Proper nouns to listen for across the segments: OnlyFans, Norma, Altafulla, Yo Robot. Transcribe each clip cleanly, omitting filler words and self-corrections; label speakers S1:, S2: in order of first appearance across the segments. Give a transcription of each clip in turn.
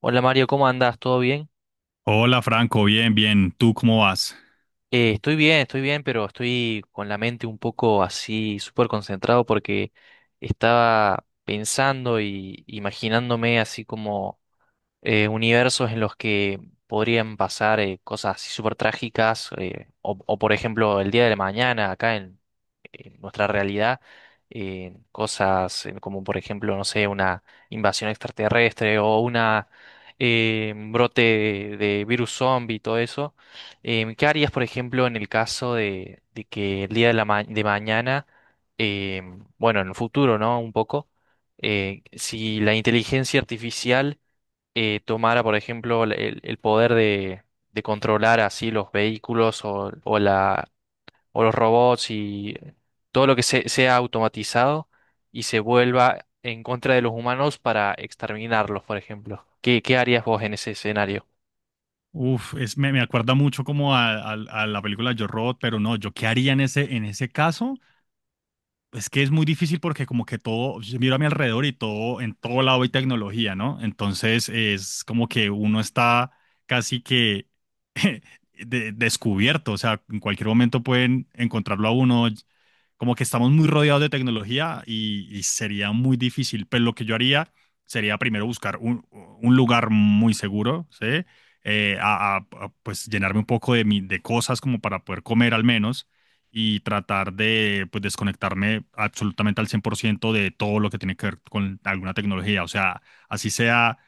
S1: Hola Mario, ¿cómo andas? ¿Todo bien?
S2: Hola Franco, bien, bien. ¿Tú cómo vas?
S1: Estoy bien, estoy bien, pero estoy con la mente un poco así, súper concentrado porque estaba pensando y imaginándome así como universos en los que podrían pasar cosas así súper trágicas, o por ejemplo el día de la mañana acá en nuestra realidad, cosas como por ejemplo, no sé, una invasión extraterrestre o una un brote de virus zombie y todo eso. ¿Qué harías, por ejemplo, en el caso de que el día de de mañana, bueno, en el futuro, ¿no? Un poco, si la inteligencia artificial tomara, por ejemplo, el poder de controlar así los vehículos o la, o los robots y todo lo que sea automatizado y se vuelva en contra de los humanos para exterminarlos, por ejemplo. ¿Qué, qué harías vos en ese escenario?
S2: Uf, me acuerda mucho como a la película Yo Robot, pero no, ¿yo qué haría en en ese caso? Es que es muy difícil porque como que todo, yo miro a mi alrededor y todo, en todo lado hay tecnología, ¿no? Entonces es como que uno está casi que descubierto, o sea, en cualquier momento pueden encontrarlo a uno, como que estamos muy rodeados de tecnología y sería muy difícil, pero lo que yo haría sería primero buscar un lugar muy seguro, ¿sí? Pues llenarme un poco de cosas como para poder comer al menos y tratar de, pues, desconectarme absolutamente al 100% de todo lo que tiene que ver con alguna tecnología. O sea, así sea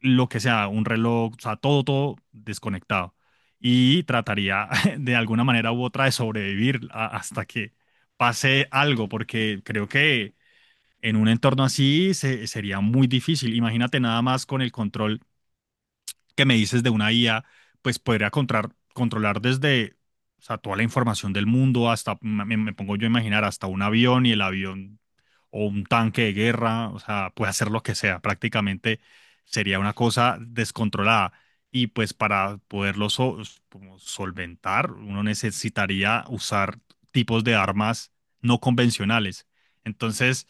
S2: lo que sea, un reloj, o sea, todo, todo desconectado. Y trataría de alguna manera u otra de sobrevivir hasta que pase algo, porque creo que en un entorno así sería muy difícil. Imagínate nada más con el control que me dices de una IA, pues podría controlar, controlar desde, o sea, toda la información del mundo hasta, me pongo yo a imaginar, hasta un avión y el avión o un tanque de guerra, o sea, puede hacer lo que sea, prácticamente sería una cosa descontrolada. Y pues para poderlo como solventar, uno necesitaría usar tipos de armas no convencionales. Entonces,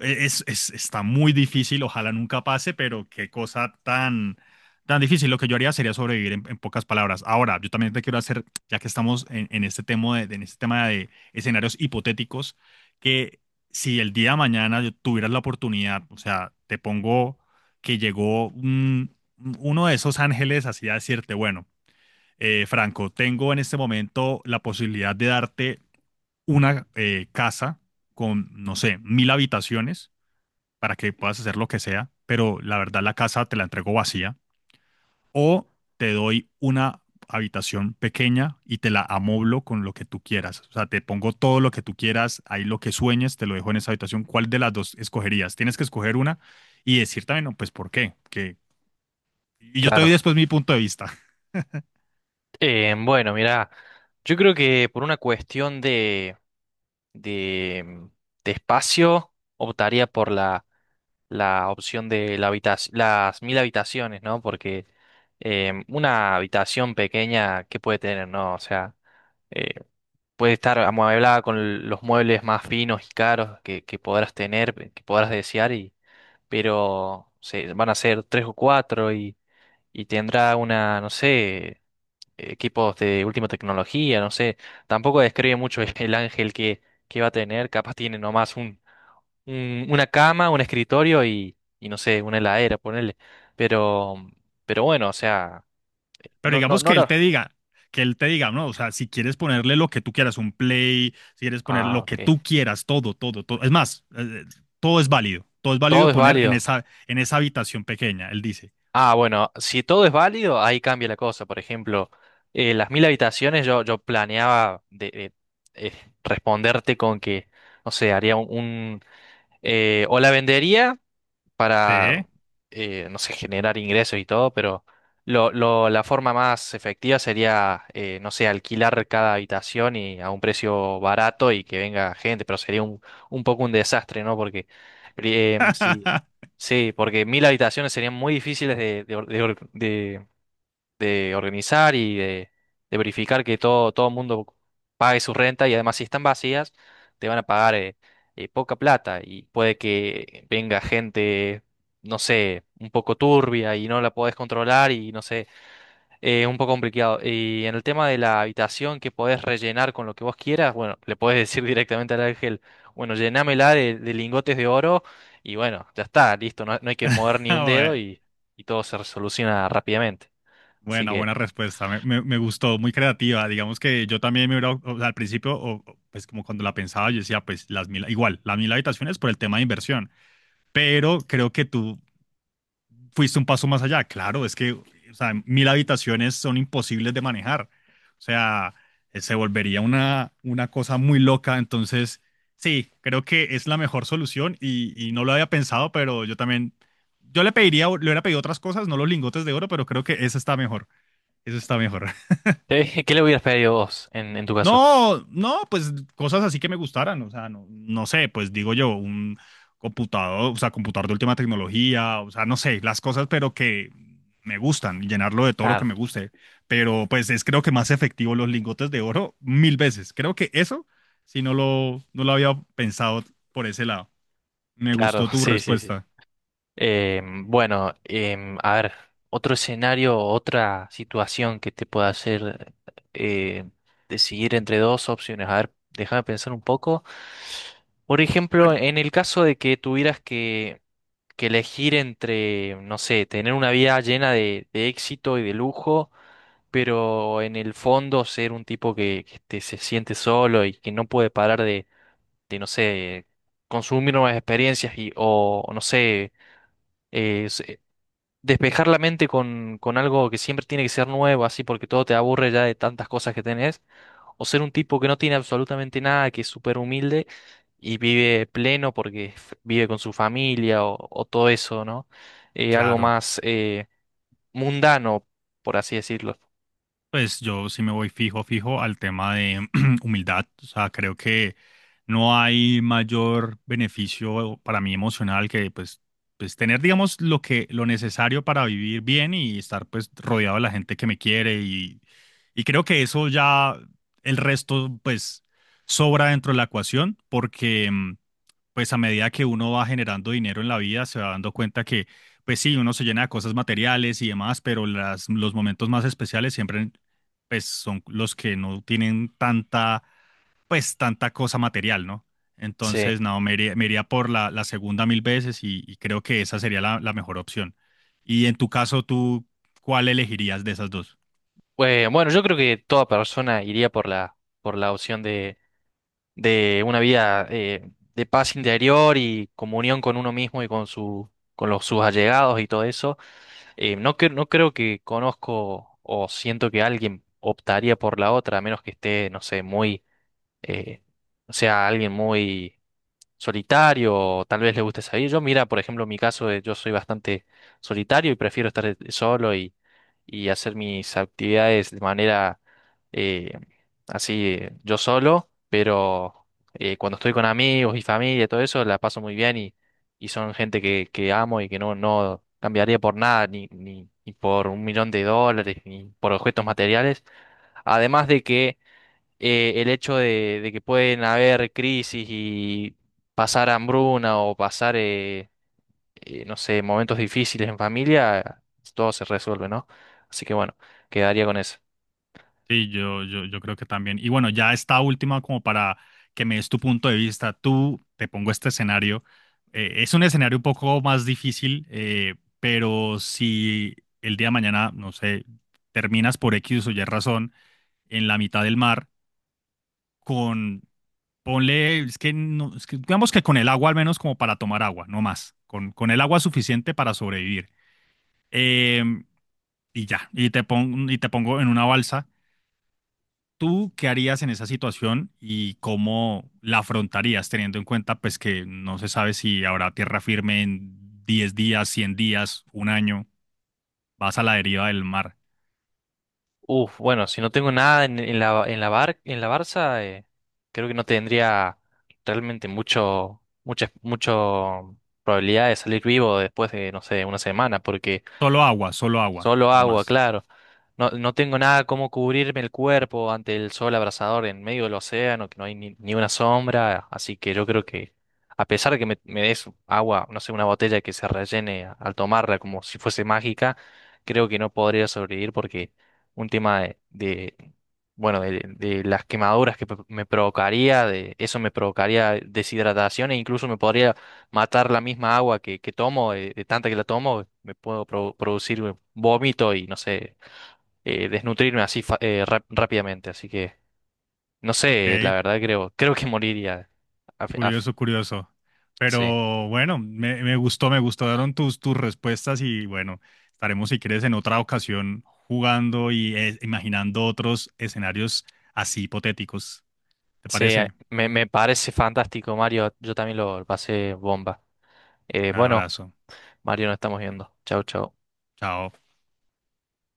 S2: está muy difícil, ojalá nunca pase, pero qué cosa tan tan difícil. Lo que yo haría sería sobrevivir en pocas palabras. Ahora, yo también te quiero hacer, ya que estamos en este tema en este tema de escenarios hipotéticos, que si el día de mañana yo tuvieras la oportunidad, o sea, te pongo que llegó uno de esos ángeles así a decirte, bueno, Franco, tengo en este momento la posibilidad de darte una casa con, no sé, 1000 habitaciones para que puedas hacer lo que sea, pero la verdad la casa te la entrego vacía o te doy una habitación pequeña y te la amoblo con lo que tú quieras. O sea, te pongo todo lo que tú quieras, ahí lo que sueñes, te lo dejo en esa habitación. ¿Cuál de las dos escogerías? Tienes que escoger una y decir también, no, pues, ¿por qué? Que... Y yo te doy
S1: Claro.
S2: después mi punto de vista.
S1: Bueno, mira, yo creo que por una cuestión de de espacio optaría por la opción de las 1000 habitaciones, ¿no? Porque una habitación pequeña, ¿qué puede tener, no? O sea, eh, puede estar amueblada con los muebles más finos y caros que podrás tener, que podrás desear, y, pero se, van a ser tres o cuatro y tendrá una, no sé, equipos de última tecnología, no sé. Tampoco describe mucho el ángel que va a tener, capaz tiene nomás una cama, un escritorio y no sé, una heladera, ponerle. Pero, pero bueno, o sea,
S2: Pero
S1: no, no,
S2: digamos
S1: no
S2: que él
S1: lo.
S2: te diga, no, o sea, si quieres ponerle lo que tú quieras, un play, si quieres poner
S1: Ah,
S2: lo que
S1: ok.
S2: tú quieras, todo, todo, todo. Es más, todo es válido. Todo es
S1: Todo
S2: válido
S1: es
S2: poner en
S1: válido.
S2: en esa habitación pequeña, él dice.
S1: Ah, bueno, si todo es válido, ahí cambia la cosa. Por ejemplo, las mil habitaciones yo, yo planeaba de- eh, responderte con que, no sé, haría un, o la vendería
S2: Sí.
S1: para, no sé, generar ingresos y todo, pero la forma más efectiva sería, no sé, alquilar cada habitación y a un precio barato y que venga gente, pero sería un poco un desastre, ¿no? Porque sí, sí, porque 1000 habitaciones serían muy difíciles de de organizar y de verificar que todo, todo el mundo pague su renta y además si están vacías, te van a pagar poca plata y puede que venga gente, no sé, un poco turbia y no la podés controlar y no sé, es un poco complicado. Y en el tema de la habitación que podés rellenar con lo que vos quieras, bueno, le podés decir directamente al ángel, bueno, llenámela de lingotes de oro y bueno, ya está, listo, no, no hay que mover ni
S2: Ah,
S1: un dedo
S2: bue-
S1: y todo se resoluciona rápidamente. Así
S2: Bueno,
S1: que…
S2: buena respuesta. Me gustó, muy creativa. Digamos que yo también me hubiera, o sea, al principio, pues como cuando la pensaba, yo decía, pues las 1000, igual, las 1000 habitaciones por el tema de inversión. Pero creo que tú fuiste un paso más allá. Claro, es que, o sea, 1000 habitaciones son imposibles de manejar. O sea, se volvería una cosa muy loca. Entonces, sí, creo que es la mejor solución y no lo había pensado, pero yo también, yo le pediría, le hubiera pedido otras cosas, no los lingotes de oro, pero creo que esa está mejor. Eso está mejor.
S1: ¿Qué le hubieras pedido vos en tu caso?
S2: No, no, pues cosas así que me gustaran, o sea, no, no sé, pues digo yo, un computador, o sea, computador de última tecnología, o sea, no sé, las cosas, pero que me gustan, llenarlo de todo lo que
S1: Claro,
S2: me guste, pero pues es creo que más efectivo los lingotes de oro 1000 veces. Creo que eso, no lo había pensado por ese lado. Me
S1: claro,
S2: gustó tu
S1: sí, sí, sí.
S2: respuesta.
S1: Bueno, em, a ver, otro escenario, otra situación que te pueda hacer eh, decidir entre dos opciones. A ver, déjame pensar un poco. Por ejemplo,
S2: Bueno,
S1: en el caso de que tuvieras que elegir entre, no sé, tener una vida llena de éxito y de lujo, pero en el fondo ser un tipo que, se siente solo y que no puede parar de, no sé, consumir nuevas experiencias y, o, no sé, eh, se- despejar la mente con algo que siempre tiene que ser nuevo, así porque todo te aburre ya de tantas cosas que tenés, o ser un tipo que no tiene absolutamente nada, que es súper humilde y vive pleno porque vive con su familia o todo eso, ¿no? Algo
S2: claro.
S1: más mundano, por así decirlo.
S2: Pues yo sí me voy fijo, fijo al tema de humildad. O sea, creo que no hay mayor beneficio para mí emocional que, pues, pues tener, digamos, lo que, lo necesario para vivir bien y estar pues rodeado de la gente que me quiere y creo que eso ya el resto pues sobra dentro de la ecuación porque pues a medida que uno va generando dinero en la vida, se va dando cuenta que, pues sí, uno se llena de cosas materiales y demás, pero los momentos más especiales siempre, pues son los que no tienen tanta, pues tanta cosa material, ¿no?
S1: Sí.
S2: Entonces, no, me iría por la segunda 1000 veces y creo que esa sería la mejor opción. Y en tu caso, ¿tú cuál elegirías de esas dos?
S1: Bueno, yo creo que toda persona iría por la opción de una vida de paz interior y comunión con uno mismo y con su, con los, sus allegados y todo eso. No, no creo que conozco o siento que alguien optaría por la otra, a menos que esté, no sé, muy, eh, o sea, alguien muy solitario o tal vez le guste salir. Yo, mira, por ejemplo, en mi caso, yo soy bastante solitario y prefiero estar solo y hacer mis actividades de manera eh, así, yo solo, pero cuando estoy con amigos y familia, todo eso, la paso muy bien y son gente que amo y que no, no cambiaría por nada, ni, ni, ni por 1 millón de dólares, ni por objetos materiales. Además de que el hecho de que pueden haber crisis y pasar hambruna o pasar… no sé, momentos difíciles en familia, todo se resuelve, ¿no? Así que bueno, quedaría con eso.
S2: Sí, yo creo que también. Y bueno, ya esta última como para que me des tu punto de vista. Tú te pongo este escenario. Es un escenario un poco más difícil, pero si el día de mañana, no sé, terminas por X o Y razón en la mitad del mar con, ponle, es que, no, es que digamos que con el agua al menos como para tomar agua, no más, con el agua suficiente para sobrevivir. Em, y ya, y te pongo en una balsa. ¿Tú qué harías en esa situación y cómo la afrontarías, teniendo en cuenta, pues, que no se sabe si habrá tierra firme en 10 días, 100 días, un año? Vas a la deriva del mar.
S1: Uf, bueno, si no tengo nada en, en la, en en la Barça, creo que no tendría realmente mucho, muchas, mucho probabilidad de salir vivo después de, no sé, una semana, porque…
S2: Solo agua,
S1: Solo
S2: no
S1: agua,
S2: más.
S1: claro. No, no tengo nada como cubrirme el cuerpo ante el sol abrasador en medio del océano, que no hay ni, ni una sombra, así que yo creo que a pesar de que me des agua, no sé, una botella que se rellene al tomarla como si fuese mágica, creo que no podría sobrevivir porque un tema de, bueno, de las quemaduras que me provocaría, de eso me provocaría deshidratación e incluso me podría matar la misma agua que tomo, de tanta que la tomo, me puedo producir vómito y no sé, desnutrirme así rápidamente. Así que, no
S2: Ok,
S1: sé, la verdad creo, creo que moriría. Af- af-
S2: curioso, curioso.
S1: sí,
S2: Pero bueno, me gustó, me gustaron tus respuestas y bueno, estaremos si quieres en otra ocasión jugando y, imaginando otros escenarios así hipotéticos. ¿Te
S1: sí,
S2: parece?
S1: me, me parece fantástico, Mario. Yo también lo pasé bomba.
S2: Un
S1: Bueno,
S2: abrazo.
S1: Mario, nos estamos viendo. Chau, chau.
S2: Chao.